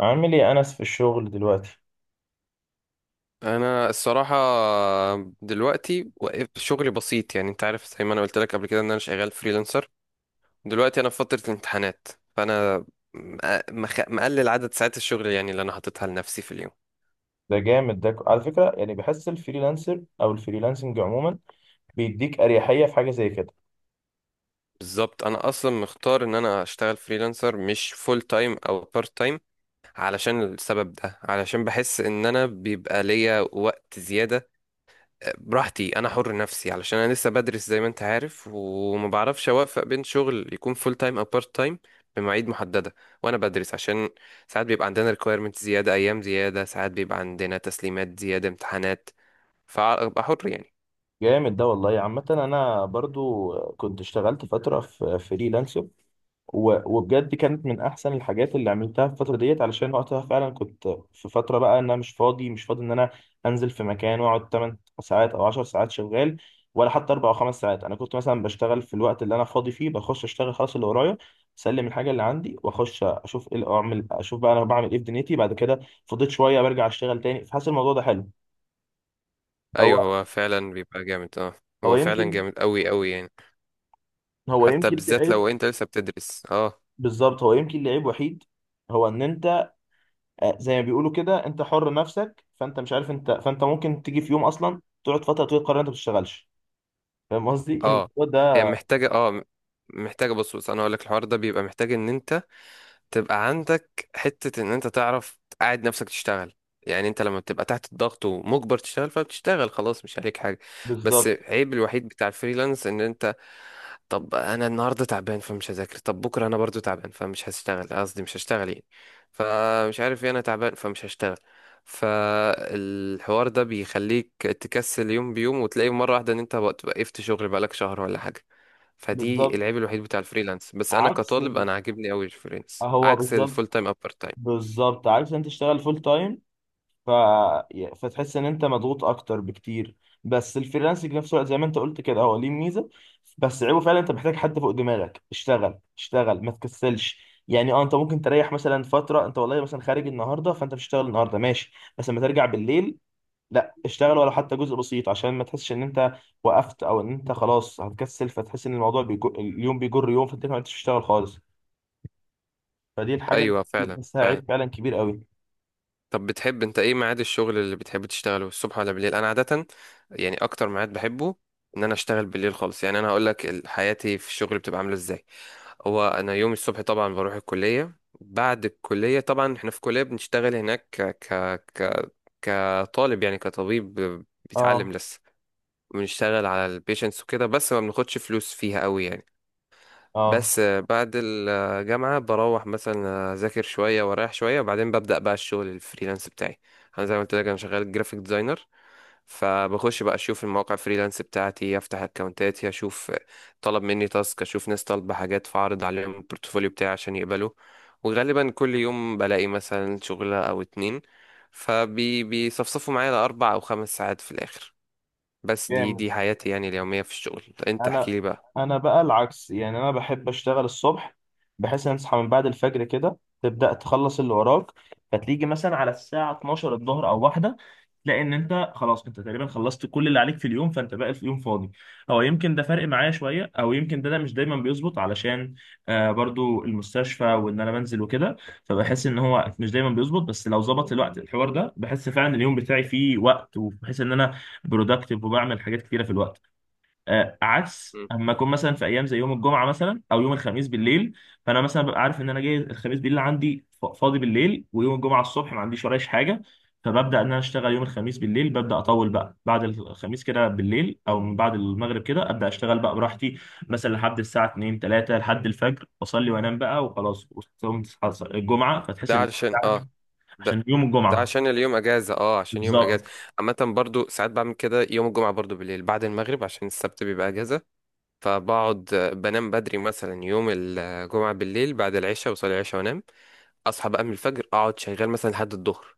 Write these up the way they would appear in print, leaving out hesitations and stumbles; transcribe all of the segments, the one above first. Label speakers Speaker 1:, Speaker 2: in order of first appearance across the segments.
Speaker 1: عامل ايه يا انس في الشغل دلوقتي؟
Speaker 2: انا الصراحه دلوقتي وقف شغلي بسيط، يعني انت عارف زي ما انا قلت لك قبل كده ان انا شغال فريلانسر. دلوقتي انا في فتره الامتحانات، فانا مقلل عدد ساعات الشغل، يعني اللي انا حاططها لنفسي في اليوم.
Speaker 1: ده جامد، ده على فكره. يعني بحس الفريلانسر او الفريلانسنج عموما بيديك اريحيه في حاجه زي كده.
Speaker 2: بالظبط انا اصلا مختار ان انا اشتغل فريلانسر، مش فول تايم او بارت تايم، علشان السبب ده، علشان بحس ان انا بيبقى ليا وقت زياده براحتي، انا حر نفسي، علشان انا لسه بدرس زي ما انت عارف، وما بعرفش اوفق بين شغل يكون فول تايم او بارت تايم بمواعيد محدده. وانا بدرس عشان ساعات بيبقى عندنا ريكويرمنت زياده، ايام زياده، ساعات بيبقى عندنا تسليمات زياده، امتحانات، فابقى حر يعني.
Speaker 1: جامد ده والله. عامه انا برضو كنت اشتغلت فتره في فريلانسر وبجد كانت من احسن الحاجات اللي عملتها في الفتره ديت، علشان وقتها فعلا كنت في فتره، بقى ان انا مش فاضي، مش فاضي ان انا انزل في مكان واقعد 8 ساعات او 10 ساعات شغال، ولا حتى 4 او 5 ساعات. انا كنت مثلا بشتغل في الوقت اللي انا فاضي فيه، بخش اشتغل خلاص اللي ورايا، اسلم الحاجه اللي عندي واخش اشوف ايه اللي اعمل، اشوف بقى انا بعمل ايه في دنيتي بعد كده. فضيت شويه برجع اشتغل تاني، فحاسس الموضوع ده حلو. هو
Speaker 2: ايوه، هو فعلا بيبقى جامد، اه.
Speaker 1: هو
Speaker 2: هو فعلا
Speaker 1: يمكن
Speaker 2: جامد قوي قوي يعني.
Speaker 1: هو
Speaker 2: حتى
Speaker 1: يمكن ليه
Speaker 2: بالذات
Speaker 1: عيب؟
Speaker 2: لو انت لسه بتدرس، اه.
Speaker 1: بالظبط، هو يمكن ليه عيب وحيد. هو ان انت، زي ما بيقولوا كده، انت حر نفسك، فانت مش عارف انت، فانت ممكن تيجي في يوم اصلا تقعد فتره طويله تقرر انت ما بتشتغلش. فاهم قصدي
Speaker 2: اه،
Speaker 1: الموضوع
Speaker 2: هي
Speaker 1: ده؟
Speaker 2: محتاجه، محتاجه. بص بص، انا هقول لك الحوار ده بيبقى محتاج ان انت تبقى عندك حتة ان انت تعرف تقعد نفسك تشتغل. يعني انت لما بتبقى تحت الضغط ومجبر تشتغل، فبتشتغل خلاص، مش عليك حاجة. بس
Speaker 1: بالظبط
Speaker 2: عيب الوحيد بتاع الفريلانس ان انت، طب انا النهارده تعبان فمش هذاكر، طب بكره انا برضو تعبان فمش هشتغل، قصدي مش هشتغل يعني. فمش عارف ايه، انا تعبان فمش هشتغل. فالحوار ده بيخليك تكسل يوم بيوم، وتلاقي مره واحده ان انت وقفت شغل بقالك شهر ولا حاجه. فدي
Speaker 1: بالظبط
Speaker 2: العيب الوحيد بتاع الفريلانس، بس انا
Speaker 1: عكس
Speaker 2: كطالب
Speaker 1: ال-
Speaker 2: انا عاجبني قوي الفريلانس
Speaker 1: هو
Speaker 2: عكس
Speaker 1: بالظبط
Speaker 2: الفول تايم او بارت تايم.
Speaker 1: بالظبط عكس انت تشتغل فول تايم. ف... فتحس ان انت مضغوط اكتر بكتير. بس الفريلانسنج في نفس الوقت، زي ما انت قلت كده، هو ليه ميزه. بس عيبه فعلا انت محتاج حد فوق دماغك اشتغل اشتغل ما تكسلش. يعني اه، انت ممكن تريح مثلا فتره، انت والله مثلا خارج النهارده فانت مش هتشتغل النهارده، ماشي، بس لما ترجع بالليل لا، اشتغل ولو حتى جزء بسيط، عشان ما تحسش ان انت وقفت، او ان انت خلاص هتكسل، فتحس ان الموضوع اليوم بيجر يوم، فانت ما عرفتش تشتغل خالص. فدي الحاجه
Speaker 2: ايوه
Speaker 1: اللي
Speaker 2: فعلا
Speaker 1: بحسها
Speaker 2: فعلا.
Speaker 1: عيب فعلا كبير قوي.
Speaker 2: طب بتحب انت ايه ميعاد الشغل اللي بتحب تشتغله، الصبح ولا بالليل؟ انا عادة، يعني اكتر ميعاد بحبه ان انا اشتغل بالليل خالص. يعني انا هقول لك حياتي في الشغل بتبقى عاملة ازاي. هو انا يوم الصبح طبعا بروح الكلية، بعد الكلية طبعا احنا في كلية بنشتغل هناك ك ك ك كطالب، يعني كطبيب بيتعلم
Speaker 1: اه،
Speaker 2: لسه. بنشتغل على البيشنتس وكده، بس ما بناخدش فلوس فيها قوي يعني.
Speaker 1: اه،
Speaker 2: بس بعد الجامعة بروح مثلا أذاكر شوية وأريح شوية، وبعدين ببدأ بقى الشغل الفريلانس بتاعي. أنا زي ما قلت لك أنا شغال جرافيك ديزاينر. فبخش بقى أشوف المواقع الفريلانس بتاعتي، أفتح أكونتاتي، أشوف طلب مني تاسك، أشوف ناس طالبة حاجات، فأعرض عليهم البورتفوليو بتاعي عشان يقبلوا. وغالبا كل يوم بلاقي مثلا شغلة أو اتنين، فبيصفصفوا معايا ل4 أو 5 ساعات في الآخر. بس دي
Speaker 1: جامد.
Speaker 2: دي حياتي يعني اليومية في الشغل. أنت
Speaker 1: انا
Speaker 2: احكيلي بقى.
Speaker 1: انا بقى العكس، يعني انا بحب اشتغل الصبح، بحيث ان اصحى من بعد الفجر كده، تبدا تخلص اللي وراك، فتيجي مثلا على الساعه 12 الظهر او واحده تلاقي ان انت خلاص، انت تقريبا خلصت كل اللي عليك في اليوم، فانت باقي في اليوم فاضي. او يمكن ده فرق معايا شويه، او يمكن ده مش دايما بيظبط، علشان برضو المستشفى وان انا بنزل وكده. فبحس ان هو مش دايما بيظبط، بس لو ظبط الوقت، الحوار ده بحس فعلا اليوم بتاعي فيه وقت، وبحس ان انا برودكتيف وبعمل حاجات كتيره في الوقت. عكس
Speaker 2: مم.
Speaker 1: اما اكون مثلا في ايام زي يوم الجمعه مثلا او يوم الخميس بالليل. فانا مثلا ببقى عارف ان انا جاي الخميس بالليل، عندي فاضي بالليل، ويوم الجمعه الصبح ما عنديش ورايش حاجه. فببدا ان انا اشتغل يوم الخميس بالليل، ببدا اطول بقى بعد الخميس كده بالليل، او من بعد المغرب كده ابدا اشتغل بقى براحتي، مثلا لحد الساعه 2 3 لحد الفجر، اصلي وانام بقى وخلاص، وتصوم تصحى الجمعه فتحس
Speaker 2: ده
Speaker 1: ان
Speaker 2: علشان،
Speaker 1: بتاعك
Speaker 2: اه، ده
Speaker 1: عشان يوم
Speaker 2: ده
Speaker 1: الجمعه.
Speaker 2: عشان اليوم اجازه، اه، عشان يوم اجازه.
Speaker 1: بالظبط
Speaker 2: عامه برضو ساعات بعمل كده، يوم الجمعه برضو بالليل بعد المغرب عشان السبت بيبقى اجازه. فبقعد بنام بدري مثلا يوم الجمعه بالليل بعد العشاء، وصلي العشاء وانام. اصحى بقى من الفجر، اقعد شغال مثلا لحد الظهر،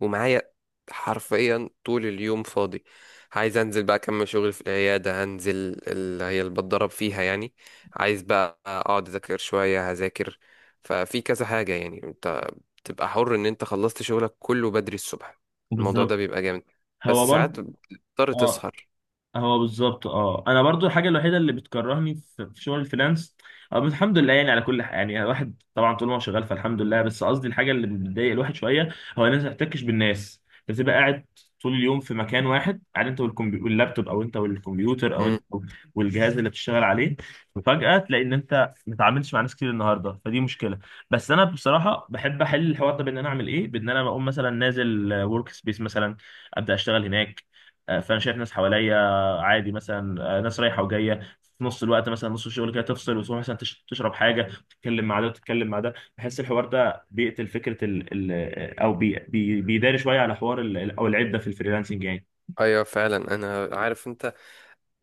Speaker 2: ومعايا حرفيا طول اليوم فاضي. عايز انزل بقى اكمل شغل في العياده هنزل، اللي هي اللي بتدرب فيها يعني. عايز بقى اقعد اذاكر شويه هذاكر. ففي كذا حاجه يعني تبقى حر ان انت خلصت شغلك كله بدري الصبح. الموضوع ده
Speaker 1: بالظبط
Speaker 2: بيبقى جامد، بس
Speaker 1: هو برضه.
Speaker 2: ساعات بتضطر
Speaker 1: آه،
Speaker 2: تسهر.
Speaker 1: هو بالظبط. اه، انا برضو الحاجه الوحيده اللي بتكرهني في شغل الفريلانس، بس الحمد لله يعني على كل حاجه، يعني الواحد طبعا طول ما هو شغال فالحمد لله. بس قصدي الحاجه اللي بتضايق الواحد شويه، هو الناس ما بتحتكش بالناس، بتبقى قاعد طول اليوم في مكان واحد، قاعد انت واللابتوب، او انت والكمبيوتر، او
Speaker 2: امم.
Speaker 1: انت والجهاز اللي بتشتغل عليه. وفجاه تلاقي ان انت ما اتعاملتش مع ناس كتير النهارده، فدي مشكله. بس انا بصراحه بحب احل الحوار ده بان انا اعمل ايه، بان انا بقوم مثلا نازل ورك سبيس مثلا، ابدا اشتغل هناك. فانا شايف ناس حواليا، عادي مثلا، ناس رايحه وجايه، في نص الوقت مثلا نص الشغل كده تفصل وتروح مثلا تشرب حاجه، وتتكلم مع ده وتتكلم مع ده. بحس الحوار ده بيقتل فكره ال ال آه، او بي بيداري شويه على حوار او العده في الفريلانسنج يعني.
Speaker 2: ايوه فعلا، انا عارف انت،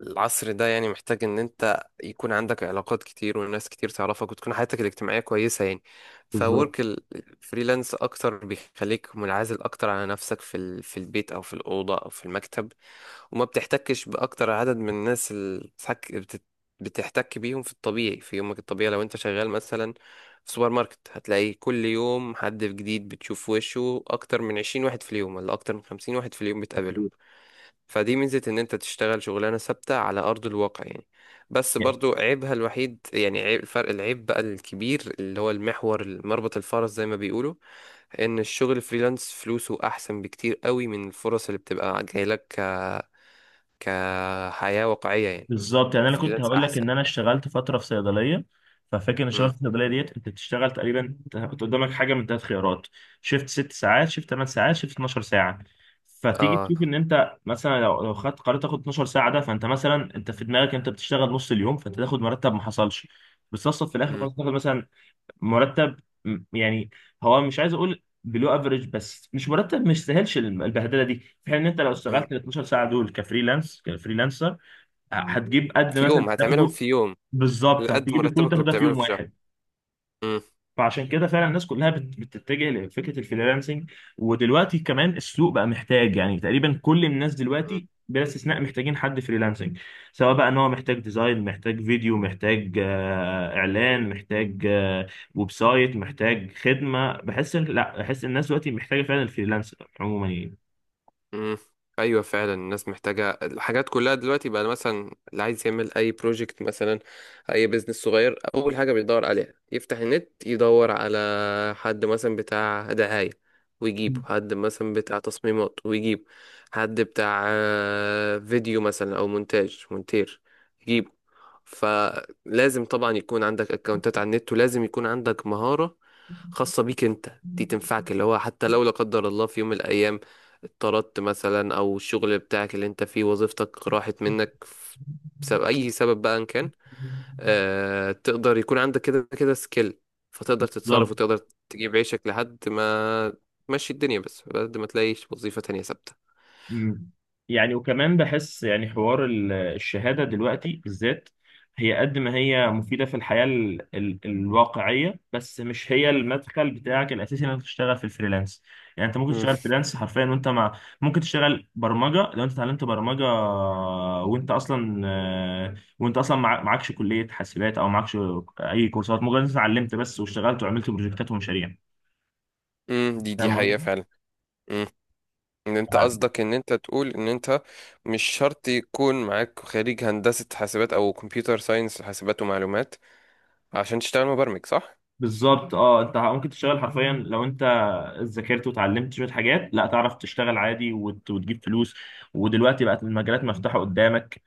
Speaker 2: العصر ده يعني محتاج ان انت يكون عندك علاقات كتير، وناس كتير تعرفك، وتكون حياتك الاجتماعية كويسة يعني.
Speaker 1: بالظبط
Speaker 2: فورك الفريلانس اكتر بيخليك منعزل اكتر على نفسك في البيت او في الأوضة او في المكتب. وما بتحتكش بأكتر عدد من الناس اللي بتحتك بيهم في الطبيعي، في يومك الطبيعي، لو انت شغال مثلا في سوبر ماركت هتلاقي كل يوم حد جديد، بتشوف وشه أكتر من 20 واحد في اليوم، ولا أكتر من 50 واحد في اليوم، بتقابلهم. فدي ميزة إن أنت تشتغل شغلانة ثابتة على أرض الواقع يعني. بس برضو عيبها الوحيد، يعني عيب الفرق العيب بقى الكبير، اللي هو المحور، مربط الفرس زي ما بيقولوا، إن الشغل فريلانس فلوسه أحسن بكتير قوي من الفرص اللي بتبقى جايلك كحياة واقعية يعني.
Speaker 1: بالظبط يعني انا كنت
Speaker 2: الفريلانس
Speaker 1: هقول لك
Speaker 2: أحسن.
Speaker 1: ان انا اشتغلت فتره في صيدليه. ففاكر ان
Speaker 2: مم.
Speaker 1: اشتغلت في الصيدليه ديت، انت بتشتغل تقريبا، انت كنت قدامك حاجه من ثلاث خيارات: شفت ست ساعات، شفت ثمان ساعات، شفت 12 ساعه. فتيجي
Speaker 2: اه.
Speaker 1: تشوف ان انت مثلا لو خدت قررت تاخد 12 ساعه ده، فانت مثلا انت في دماغك انت بتشتغل نص اليوم، فانت تاخد مرتب ما حصلش. بتصفصف في الاخر،
Speaker 2: مم.
Speaker 1: خلاص تاخد مثلا مرتب، يعني، هو مش عايز اقول بلو افريج، بس مش مرتب، مش سهلش البهدله دي. في حين ان انت لو
Speaker 2: مم.
Speaker 1: اشتغلت ال 12 ساعه دول كفريلانسر، هتجيب قد
Speaker 2: في
Speaker 1: مثلا
Speaker 2: يوم هتعملهم،
Speaker 1: تاخده.
Speaker 2: في يوم.
Speaker 1: بالظبط،
Speaker 2: لقد
Speaker 1: هتجيب كله
Speaker 2: مرتبك اللي
Speaker 1: تاخده في
Speaker 2: بتعمله
Speaker 1: يوم
Speaker 2: في شهر.
Speaker 1: واحد. فعشان كده فعلا الناس كلها بتتجه لفكره الفريلانسنج. ودلوقتي كمان السوق بقى محتاج، يعني تقريبا كل الناس
Speaker 2: مم.
Speaker 1: دلوقتي بلا استثناء محتاجين حد فريلانسنج، سواء بقى ان هو محتاج ديزاين، محتاج فيديو، محتاج اعلان، محتاج ويب سايت، محتاج خدمه. لا، بحس إن الناس دلوقتي محتاجه فعلا الفريلانسر عموما يعني.
Speaker 2: امم. ايوه فعلا الناس محتاجه الحاجات كلها دلوقتي بقى، مثلا اللي عايز يعمل اي بروجكت، مثلا اي بزنس صغير، اول حاجه بيدور عليها يفتح النت يدور على حد مثلا بتاع دعايه ويجيبه، حد مثلا بتاع تصميمات ويجيبه، حد بتاع فيديو مثلا او مونتاج، مونتير يجيبه. فلازم طبعا يكون عندك اكونتات على النت، ولازم يكون عندك مهاره خاصه بيك انت دي تنفعك، اللي هو حتى لو لا قدر الله في يوم من الايام اتطردت مثلا، او الشغل بتاعك اللي انت فيه وظيفتك راحت منك، بسبب اي سبب بقى ان كان، اه تقدر يكون عندك كده كده سكيل، فتقدر تتصرف
Speaker 1: بالظبط.
Speaker 2: وتقدر تجيب عيشك لحد ما تمشي الدنيا، بس لحد ما تلاقيش وظيفة تانية ثابتة.
Speaker 1: مم. يعني وكمان بحس يعني حوار الشهادة دلوقتي بالذات، هي قد ما هي مفيدة في الحياة ال الواقعية، بس مش هي المدخل بتاعك الأساسي إنك تشتغل في الفريلانس. يعني أنت ممكن
Speaker 2: مم.
Speaker 1: تشتغل فريلانس حرفيا، وأنت ممكن تشتغل برمجة لو أنت اتعلمت برمجة، وأنت أصلا معكش كلية حاسبات أو معكش أي كورسات، مجرد أنت اتعلمت بس واشتغلت وعملت بروجكتات ومشاريع.
Speaker 2: مم. دي
Speaker 1: فاهم
Speaker 2: حقيقة
Speaker 1: قصدي؟
Speaker 2: فعلا. مم. ان انت قصدك ان انت تقول ان انت مش شرط يكون معاك خريج هندسة حاسبات او كمبيوتر ساينس، حاسبات ومعلومات، عشان تشتغل مبرمج، صح؟
Speaker 1: بالظبط، اه، انت ممكن تشتغل حرفيا لو انت ذاكرت وتعلمت شويه حاجات لا، تعرف تشتغل عادي وتجيب فلوس. ودلوقتي بقت المجالات مفتوحه قدامك،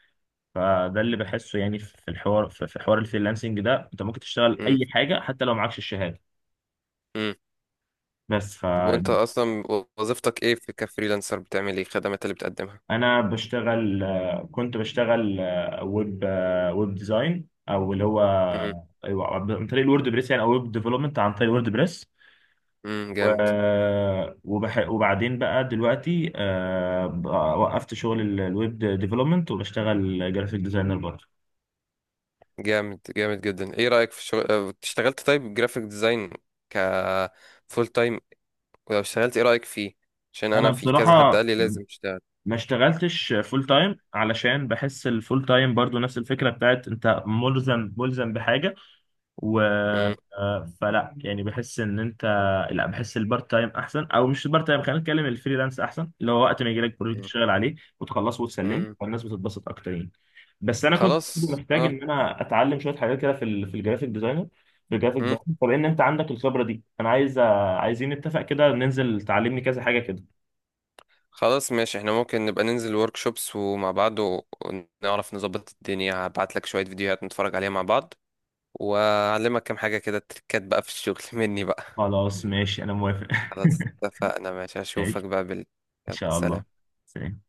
Speaker 1: فده اللي بحسه يعني في الحوار، في حوار الفريلانسنج ده، انت ممكن تشتغل
Speaker 2: مم.
Speaker 1: اي حاجه حتى لو معكش الشهاده.
Speaker 2: مم.
Speaker 1: بس.
Speaker 2: طب وانت
Speaker 1: فانا
Speaker 2: اصلا وظيفتك ايه في كفريلانسر؟ بتعمل ايه الخدمات اللي بتقدمها؟
Speaker 1: بشتغل آه، كنت بشتغل، ويب ديزاين، او اللي هو
Speaker 2: امم.
Speaker 1: أيوة، عن طريق الورد بريس، يعني، او ويب ديفلوبمنت عن طريق الورد بريس. و...
Speaker 2: جامد.
Speaker 1: وبعدين بقى دلوقتي بقى وقفت شغل الويب ديفلوبمنت، وبشتغل جرافيك ديزاينر برضه.
Speaker 2: جامد جامد جدا. ايه رأيك في الشغل، اشتغلت طيب جرافيك ديزاين ك فول تايم؟ ولو اشتغلت ايه رأيك فيه؟ عشان انا
Speaker 1: انا
Speaker 2: في كذا حد
Speaker 1: بصراحه
Speaker 2: قال لي لازم اشتغل.
Speaker 1: ما اشتغلتش فول تايم، علشان بحس الفول تايم برضو نفس الفكره بتاعت انت ملزم، ملزم بحاجه. و
Speaker 2: امم.
Speaker 1: آه، فلا يعني، بحس ان انت لا، بحس البارت تايم احسن، او مش البارت تايم، خلينا نتكلم الفريلانس احسن، اللي هو وقت ما يجي لك بروجكت
Speaker 2: امم.
Speaker 1: تشتغل عليه وتخلصه وتسلمه،
Speaker 2: امم.
Speaker 1: والناس بتتبسط اكتر يعني. بس انا كنت
Speaker 2: خلاص
Speaker 1: محتاج
Speaker 2: اه.
Speaker 1: ان انا اتعلم شويه حاجات كده في الجرافيك ديزاينر، في الجرافيك
Speaker 2: امم.
Speaker 1: ديزاين. طب ان انت عندك الخبره دي، انا عايزين نتفق كده ننزل تعلمني كذا حاجه كده.
Speaker 2: خلاص ماشي، احنا ممكن نبقى ننزل ورك شوبس ومع بعض، ونعرف نظبط الدنيا. هبعت لك شوية فيديوهات نتفرج عليها مع بعض، واعلمك كام حاجة كده، تريكات بقى في الشغل مني بقى.
Speaker 1: خلاص ماشي انا موافق.
Speaker 2: خلاص اتفقنا، ماشي، اشوفك
Speaker 1: ماشي،
Speaker 2: بقى بالليل.
Speaker 1: ان
Speaker 2: يلا
Speaker 1: شاء الله.
Speaker 2: سلام.
Speaker 1: سلام.